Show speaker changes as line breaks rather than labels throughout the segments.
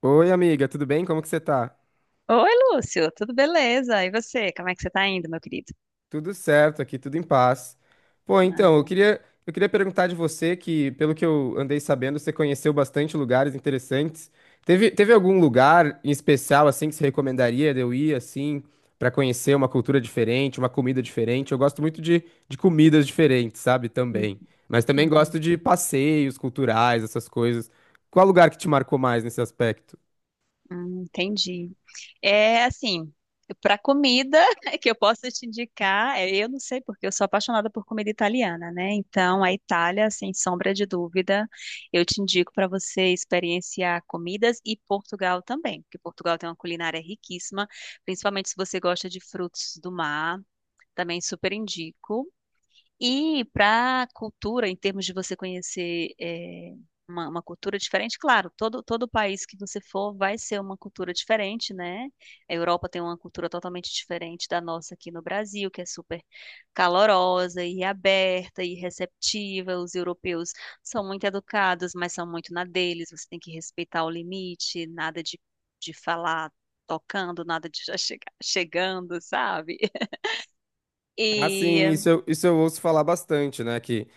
Oi, amiga, tudo bem? Como que você tá?
Oi, Lúcio, tudo beleza? E você, como é que você tá indo, meu querido?
Tudo certo aqui, tudo em paz. Pô, então,
Ah.
eu queria perguntar de você que, pelo que eu andei sabendo, você conheceu bastante lugares interessantes. Teve algum lugar em especial, assim, que você recomendaria de eu ir, assim, pra conhecer uma cultura diferente, uma comida diferente? Eu gosto muito de comidas diferentes, sabe,
Hum.
também. Mas também gosto
Uhum.
de passeios culturais, essas coisas. Qual lugar que te marcou mais nesse aspecto?
Hum, entendi. É assim, para comida que eu posso te indicar, é, eu não sei porque eu sou apaixonada por comida italiana, né? Então, a Itália, sem sombra de dúvida, eu te indico para você experienciar comidas e Portugal também, porque Portugal tem uma culinária riquíssima, principalmente se você gosta de frutos do mar, também super indico. E para a cultura, em termos de você conhecer uma cultura diferente, claro, todo país que você for vai ser uma cultura diferente, né? A Europa tem uma cultura totalmente diferente da nossa aqui no Brasil, que é super calorosa e aberta e receptiva. Os europeus são muito educados, mas são muito na deles. Você tem que respeitar o limite, nada de falar tocando, nada de já chegar, chegando, sabe?
Ah, sim,
E.
isso eu ouço falar bastante, né? Que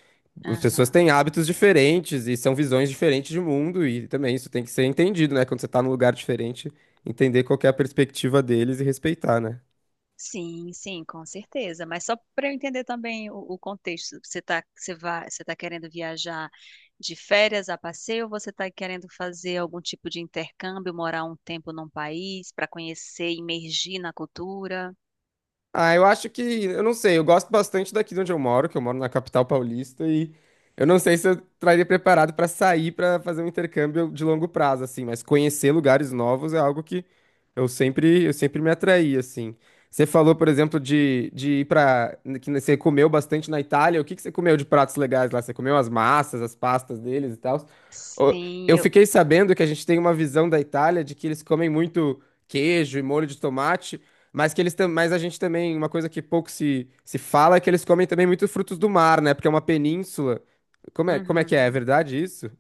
as pessoas
Aham.
têm hábitos diferentes e são visões diferentes de mundo, e também isso tem que ser entendido, né? Quando você tá num lugar diferente, entender qual que é a perspectiva deles e respeitar, né?
Sim, sim, com certeza. Mas só para eu entender também o contexto, você tá querendo viajar de férias a passeio ou você está querendo fazer algum tipo de intercâmbio, morar um tempo num país para conhecer, imergir na cultura?
Ah, eu acho que, eu não sei, eu gosto bastante daqui de onde eu moro, que eu moro na capital paulista, e eu não sei se eu estaria preparado para sair para fazer um intercâmbio de longo prazo, assim, mas conhecer lugares novos é algo que eu sempre me atraí, assim. Você falou, por exemplo, de ir para, que você comeu bastante na Itália, o que que você comeu de pratos legais lá? Você comeu as massas, as pastas deles e tal? Ô,
Sim,
eu
eu.
fiquei sabendo que a gente tem uma visão da Itália de que eles comem muito queijo e molho de tomate, mas que mas a gente também, uma coisa que pouco se fala é que eles comem também muitos frutos do mar, né? Porque é uma península. Como é que é? É
Uhum.
verdade isso?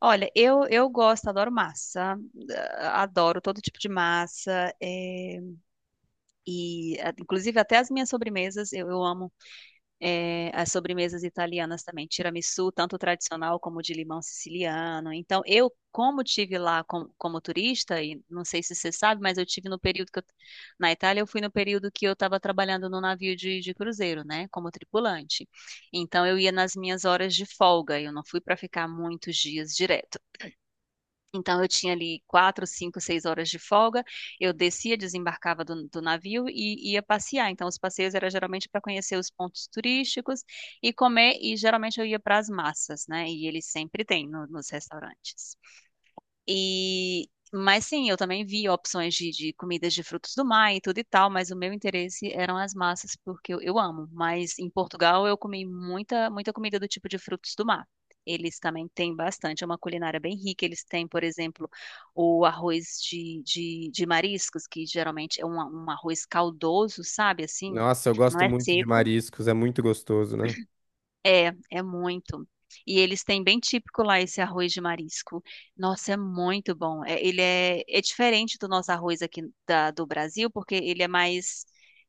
Olha, eu gosto, adoro massa, ah, adoro todo tipo de massa, é, e ah, inclusive até as minhas sobremesas, eu amo é, as sobremesas italianas também, tiramisu, tanto tradicional como de limão siciliano. Então, eu, como tive lá como turista, e não sei se você sabe, mas eu tive no período que na Itália, eu fui no período que eu estava trabalhando no navio de cruzeiro, né, como tripulante. Então, eu ia nas minhas horas de folga, eu não fui para ficar muitos dias direto. Então, eu tinha ali 4, 5, 6 horas de folga. Eu descia, desembarcava do navio e ia passear. Então, os passeios era geralmente para conhecer os pontos turísticos e comer. E geralmente eu ia para as massas, né? E eles sempre têm nos restaurantes. E, mas sim, eu também vi opções de comidas de frutos do mar e tudo e tal, mas o meu interesse eram as massas, porque eu amo. Mas em Portugal eu comi muita, muita comida do tipo de frutos do mar. Eles também têm bastante, é uma culinária bem rica. Eles têm, por exemplo, o arroz de mariscos, que geralmente é um arroz caldoso, sabe? Assim,
Nossa, eu
não
gosto
é
muito de
seco
mariscos, é muito gostoso, né?
é muito. E eles têm bem típico lá esse arroz de marisco. Nossa, é muito bom. É, ele é diferente do nosso arroz aqui do Brasil, porque ele é mais,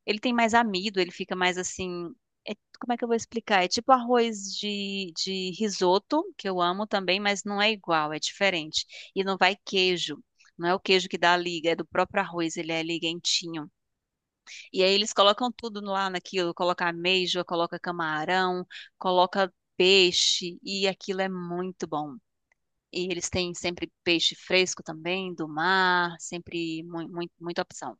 ele tem mais amido, ele fica mais assim, é- como é que eu vou explicar? É tipo arroz de risoto, que eu amo também, mas não é igual, é diferente. E não vai queijo. Não é o queijo que dá a liga, é do próprio arroz, ele é liguentinho. E aí eles colocam tudo lá naquilo, coloca ameijoa, coloca camarão, coloca peixe, e aquilo é muito bom. E eles têm sempre peixe fresco também, do mar, sempre muita opção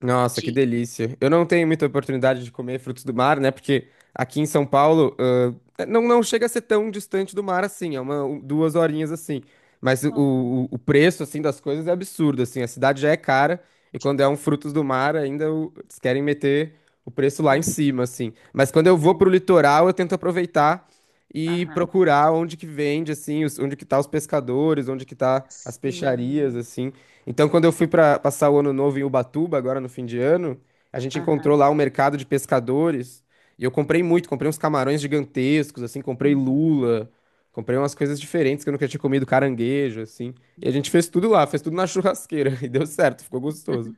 Nossa, que
de.
delícia. Eu não tenho muita oportunidade de comer frutos do mar, né? Porque aqui em São Paulo, não chega a ser tão distante do mar assim, é uma, um- duas horinhas assim. Mas o, o,
Uhum.
o preço, assim, das coisas é absurdo, assim. A cidade já é cara e quando é um frutos do mar, ainda o- eles querem meter o preço lá em cima,
Aham,
assim. Mas quando eu vou pro litoral, eu tento aproveitar e
aham,
procurar onde que vende, assim, os- onde que tá os pescadores, onde que tá as peixarias,
sim,
assim. Então, quando eu fui para passar o ano novo em Ubatuba, agora no fim de ano, a gente encontrou
aham,
lá um mercado de pescadores e eu comprei muito, comprei uns camarões gigantescos, assim, comprei
uhum,
lula, comprei umas coisas diferentes que eu nunca tinha comido, caranguejo, assim. E a gente fez
uhum.
tudo lá, fez tudo na churrasqueira e deu certo, ficou gostoso.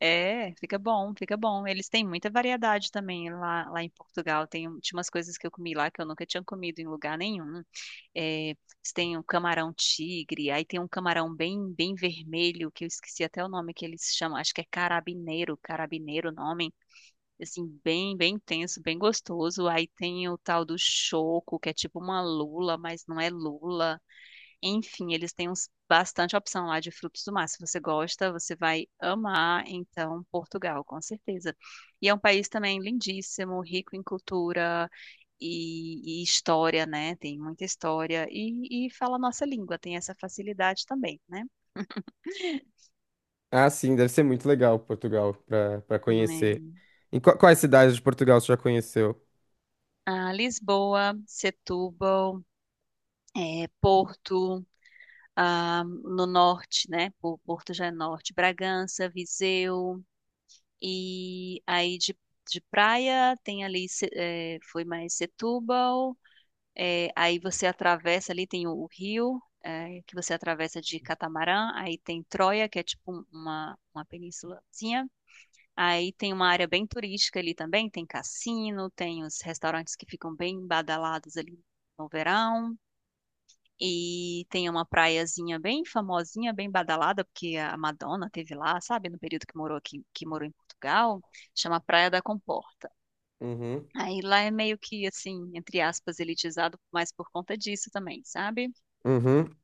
É, fica bom, fica bom. Eles têm muita variedade também lá, lá em Portugal. Tinha umas coisas que eu comi lá que eu nunca tinha comido em lugar nenhum. É, eles têm um camarão tigre, aí tem um camarão bem, bem vermelho, que eu esqueci até o nome que eles chamam, acho que é carabineiro, carabineiro o nome. Assim, bem, bem intenso, bem gostoso. Aí tem o tal do choco, que é tipo uma lula, mas não é lula. Enfim, eles têm bastante opção lá de frutos do mar. Se você gosta, você vai amar, então, Portugal, com certeza. E é um país também lindíssimo, rico em cultura e história, né? Tem muita história e fala a nossa língua, tem essa facilidade também, né?
Ah, sim, deve ser muito legal Portugal para para
É.
conhecer. Em qua- quais cidades de Portugal você já conheceu?
Ah, Lisboa, Setúbal, Porto, ah, no norte, né? Porto já é norte, Bragança, Viseu. E aí de praia tem ali, foi mais Setúbal, aí você atravessa ali, tem o rio, que você atravessa de catamarã, aí tem Troia, que é tipo uma penínsulazinha, aí tem uma área bem turística ali também, tem cassino, tem os restaurantes que ficam bem badalados ali no verão, e tem uma praiazinha bem famosinha, bem badalada, porque a Madonna teve lá, sabe, no período que morou aqui, que morou em Portugal, chama Praia da Comporta.
Uhum.
Aí lá é meio que assim, entre aspas, elitizado, mas por conta disso também, sabe?
Uhum.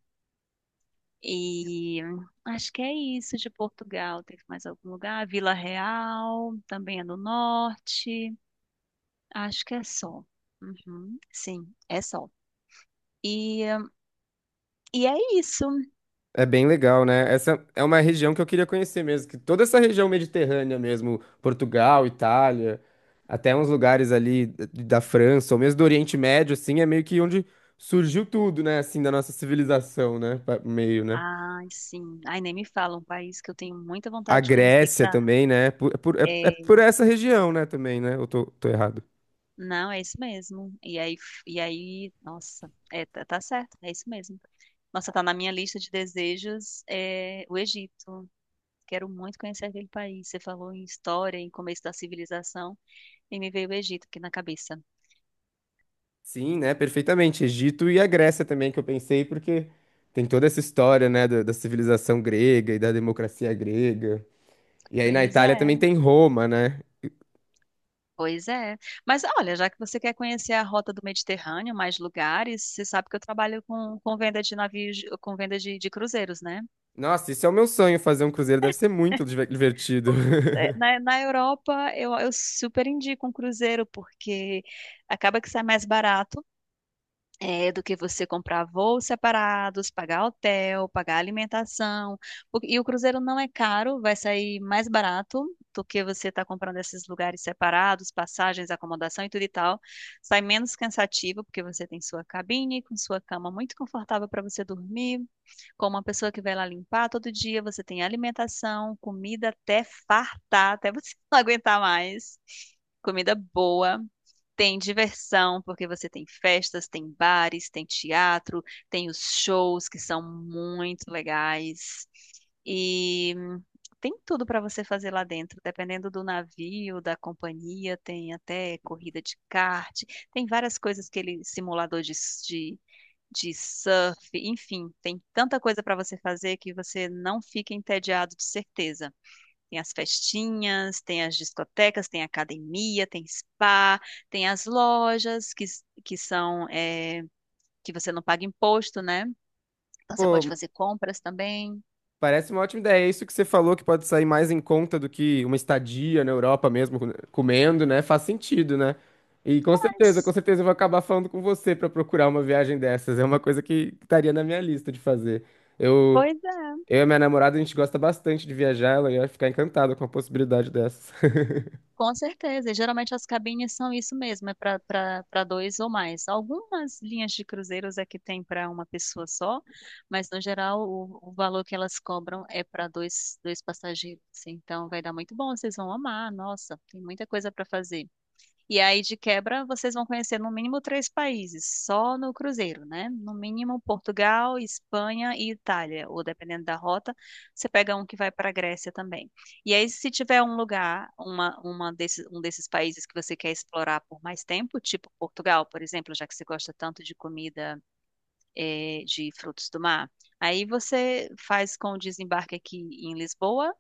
E acho que é isso de Portugal. Teve mais algum lugar? Vila Real, também é no norte. Acho que é só. Uhum, sim, é só. E, hum, e é isso.
É bem legal, né? Essa é uma região que eu queria conhecer mesmo, que toda essa região mediterrânea mesmo, Portugal, Itália, até uns lugares ali da França, ou mesmo do Oriente Médio, assim, é meio que onde surgiu tudo, né? Assim, da nossa civilização, né? Pa- Meio, né?
Ai, sim. Ai, nem me fala, um país que eu tenho muita
A
vontade de conhecer que
Grécia
tá.
também, né? Por- é
É.
por essa região, né? Também, né? Eu tô, tô errado.
Não, é isso mesmo. E aí, nossa, tá certo, é isso mesmo. Nossa, tá na minha lista de desejos, o Egito. Quero muito conhecer aquele país. Você falou em história, em começo da civilização, e me veio o Egito aqui na cabeça.
Sim, né? Perfeitamente. Egito e a Grécia também, que eu pensei, porque tem toda essa história, né? Da civilização grega e da democracia grega. E aí na
Pois
Itália
é,
também tem Roma, né?
pois é. Mas olha, já que você quer conhecer a rota do Mediterrâneo, mais lugares, você sabe que eu trabalho com venda de navios, com venda de cruzeiros, né?
Nossa, isso é o meu sonho, fazer um cruzeiro. Deve ser muito diver- divertido.
Na Europa eu super indico um cruzeiro, porque acaba que sai mais barato do que você comprar voos separados, pagar hotel, pagar alimentação. E o cruzeiro não é caro, vai sair mais barato do que você está comprando esses lugares separados, passagens, acomodação e tudo e tal. Sai menos cansativo, porque você tem sua cabine, com sua cama muito confortável para você dormir, com uma pessoa que vai lá limpar todo dia, você tem alimentação, comida até fartar, até você não aguentar mais. Comida boa tem diversão, porque você tem festas, tem bares, tem teatro, tem os shows que são muito legais. E tem tudo para você fazer lá dentro, dependendo do navio, da companhia, tem até corrida de kart, tem várias coisas que ele simulador de surf, enfim, tem tanta coisa para você fazer que você não fica entediado de certeza. Tem as festinhas, tem as discotecas, tem academia, tem spa, tem as lojas que são que você não paga imposto, né? Então você pode
Pô,
fazer compras também.
parece uma ótima ideia. É isso que você falou que pode sair mais em conta do que uma estadia na Europa mesmo, com- comendo, né? Faz sentido, né? E com
Mas.
certeza eu vou acabar falando com você pra procurar uma viagem dessas. É uma coisa que estaria na minha lista de fazer. Eu,
Pois é.
eu e a minha namorada, a gente gosta bastante de viajar. Ela ia ficar encantada com a possibilidade dessas.
Com certeza, e geralmente as cabines são isso mesmo, é para dois ou mais. Algumas linhas de cruzeiros é que tem para uma pessoa só, mas no geral o valor que elas cobram é para dois, dois passageiros, assim. Então vai dar muito bom, vocês vão amar. Nossa, tem muita coisa para fazer. E aí, de quebra, vocês vão conhecer no mínimo três países, só no cruzeiro, né? No mínimo Portugal, Espanha e Itália, ou dependendo da rota, você pega um que vai para a Grécia também. E aí, se tiver um lugar, um desses países que você quer explorar por mais tempo, tipo Portugal, por exemplo, já que você gosta tanto de comida, de frutos do mar, aí você faz com o desembarque aqui em Lisboa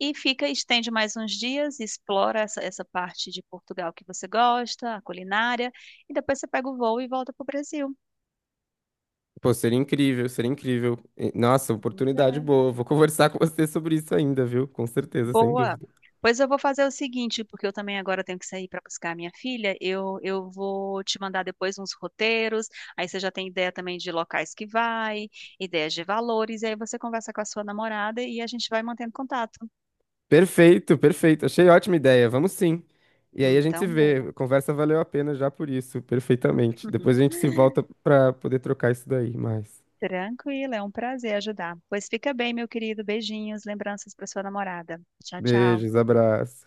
e fica, estende mais uns dias, explora essa parte de Portugal que você gosta, a culinária, e depois você pega o voo e volta para o Brasil.
Pô, seria incrível, seria incrível. E- Nossa,
Pois
oportunidade
é.
boa. Vou conversar com você sobre isso ainda, viu? Com certeza, sem
Boa!
dúvida.
Pois eu vou fazer o seguinte, porque eu também agora tenho que sair para buscar a minha filha. Eu vou te mandar depois uns roteiros, aí você já tem ideia também de locais que vai, ideias de valores, e aí você conversa com a sua namorada e a gente vai mantendo contato.
Perfeito, perfeito. Achei ótima ideia. Vamos sim. E aí a gente se
Então,
vê. A
boa.
conversa valeu a pena já por isso, perfeitamente. Depois a gente se volta pra poder trocar isso daí mais.
Tranquilo, é um prazer ajudar. Pois fica bem, meu querido. Beijinhos, lembranças para sua namorada. Tchau, tchau.
Beijos, abraço.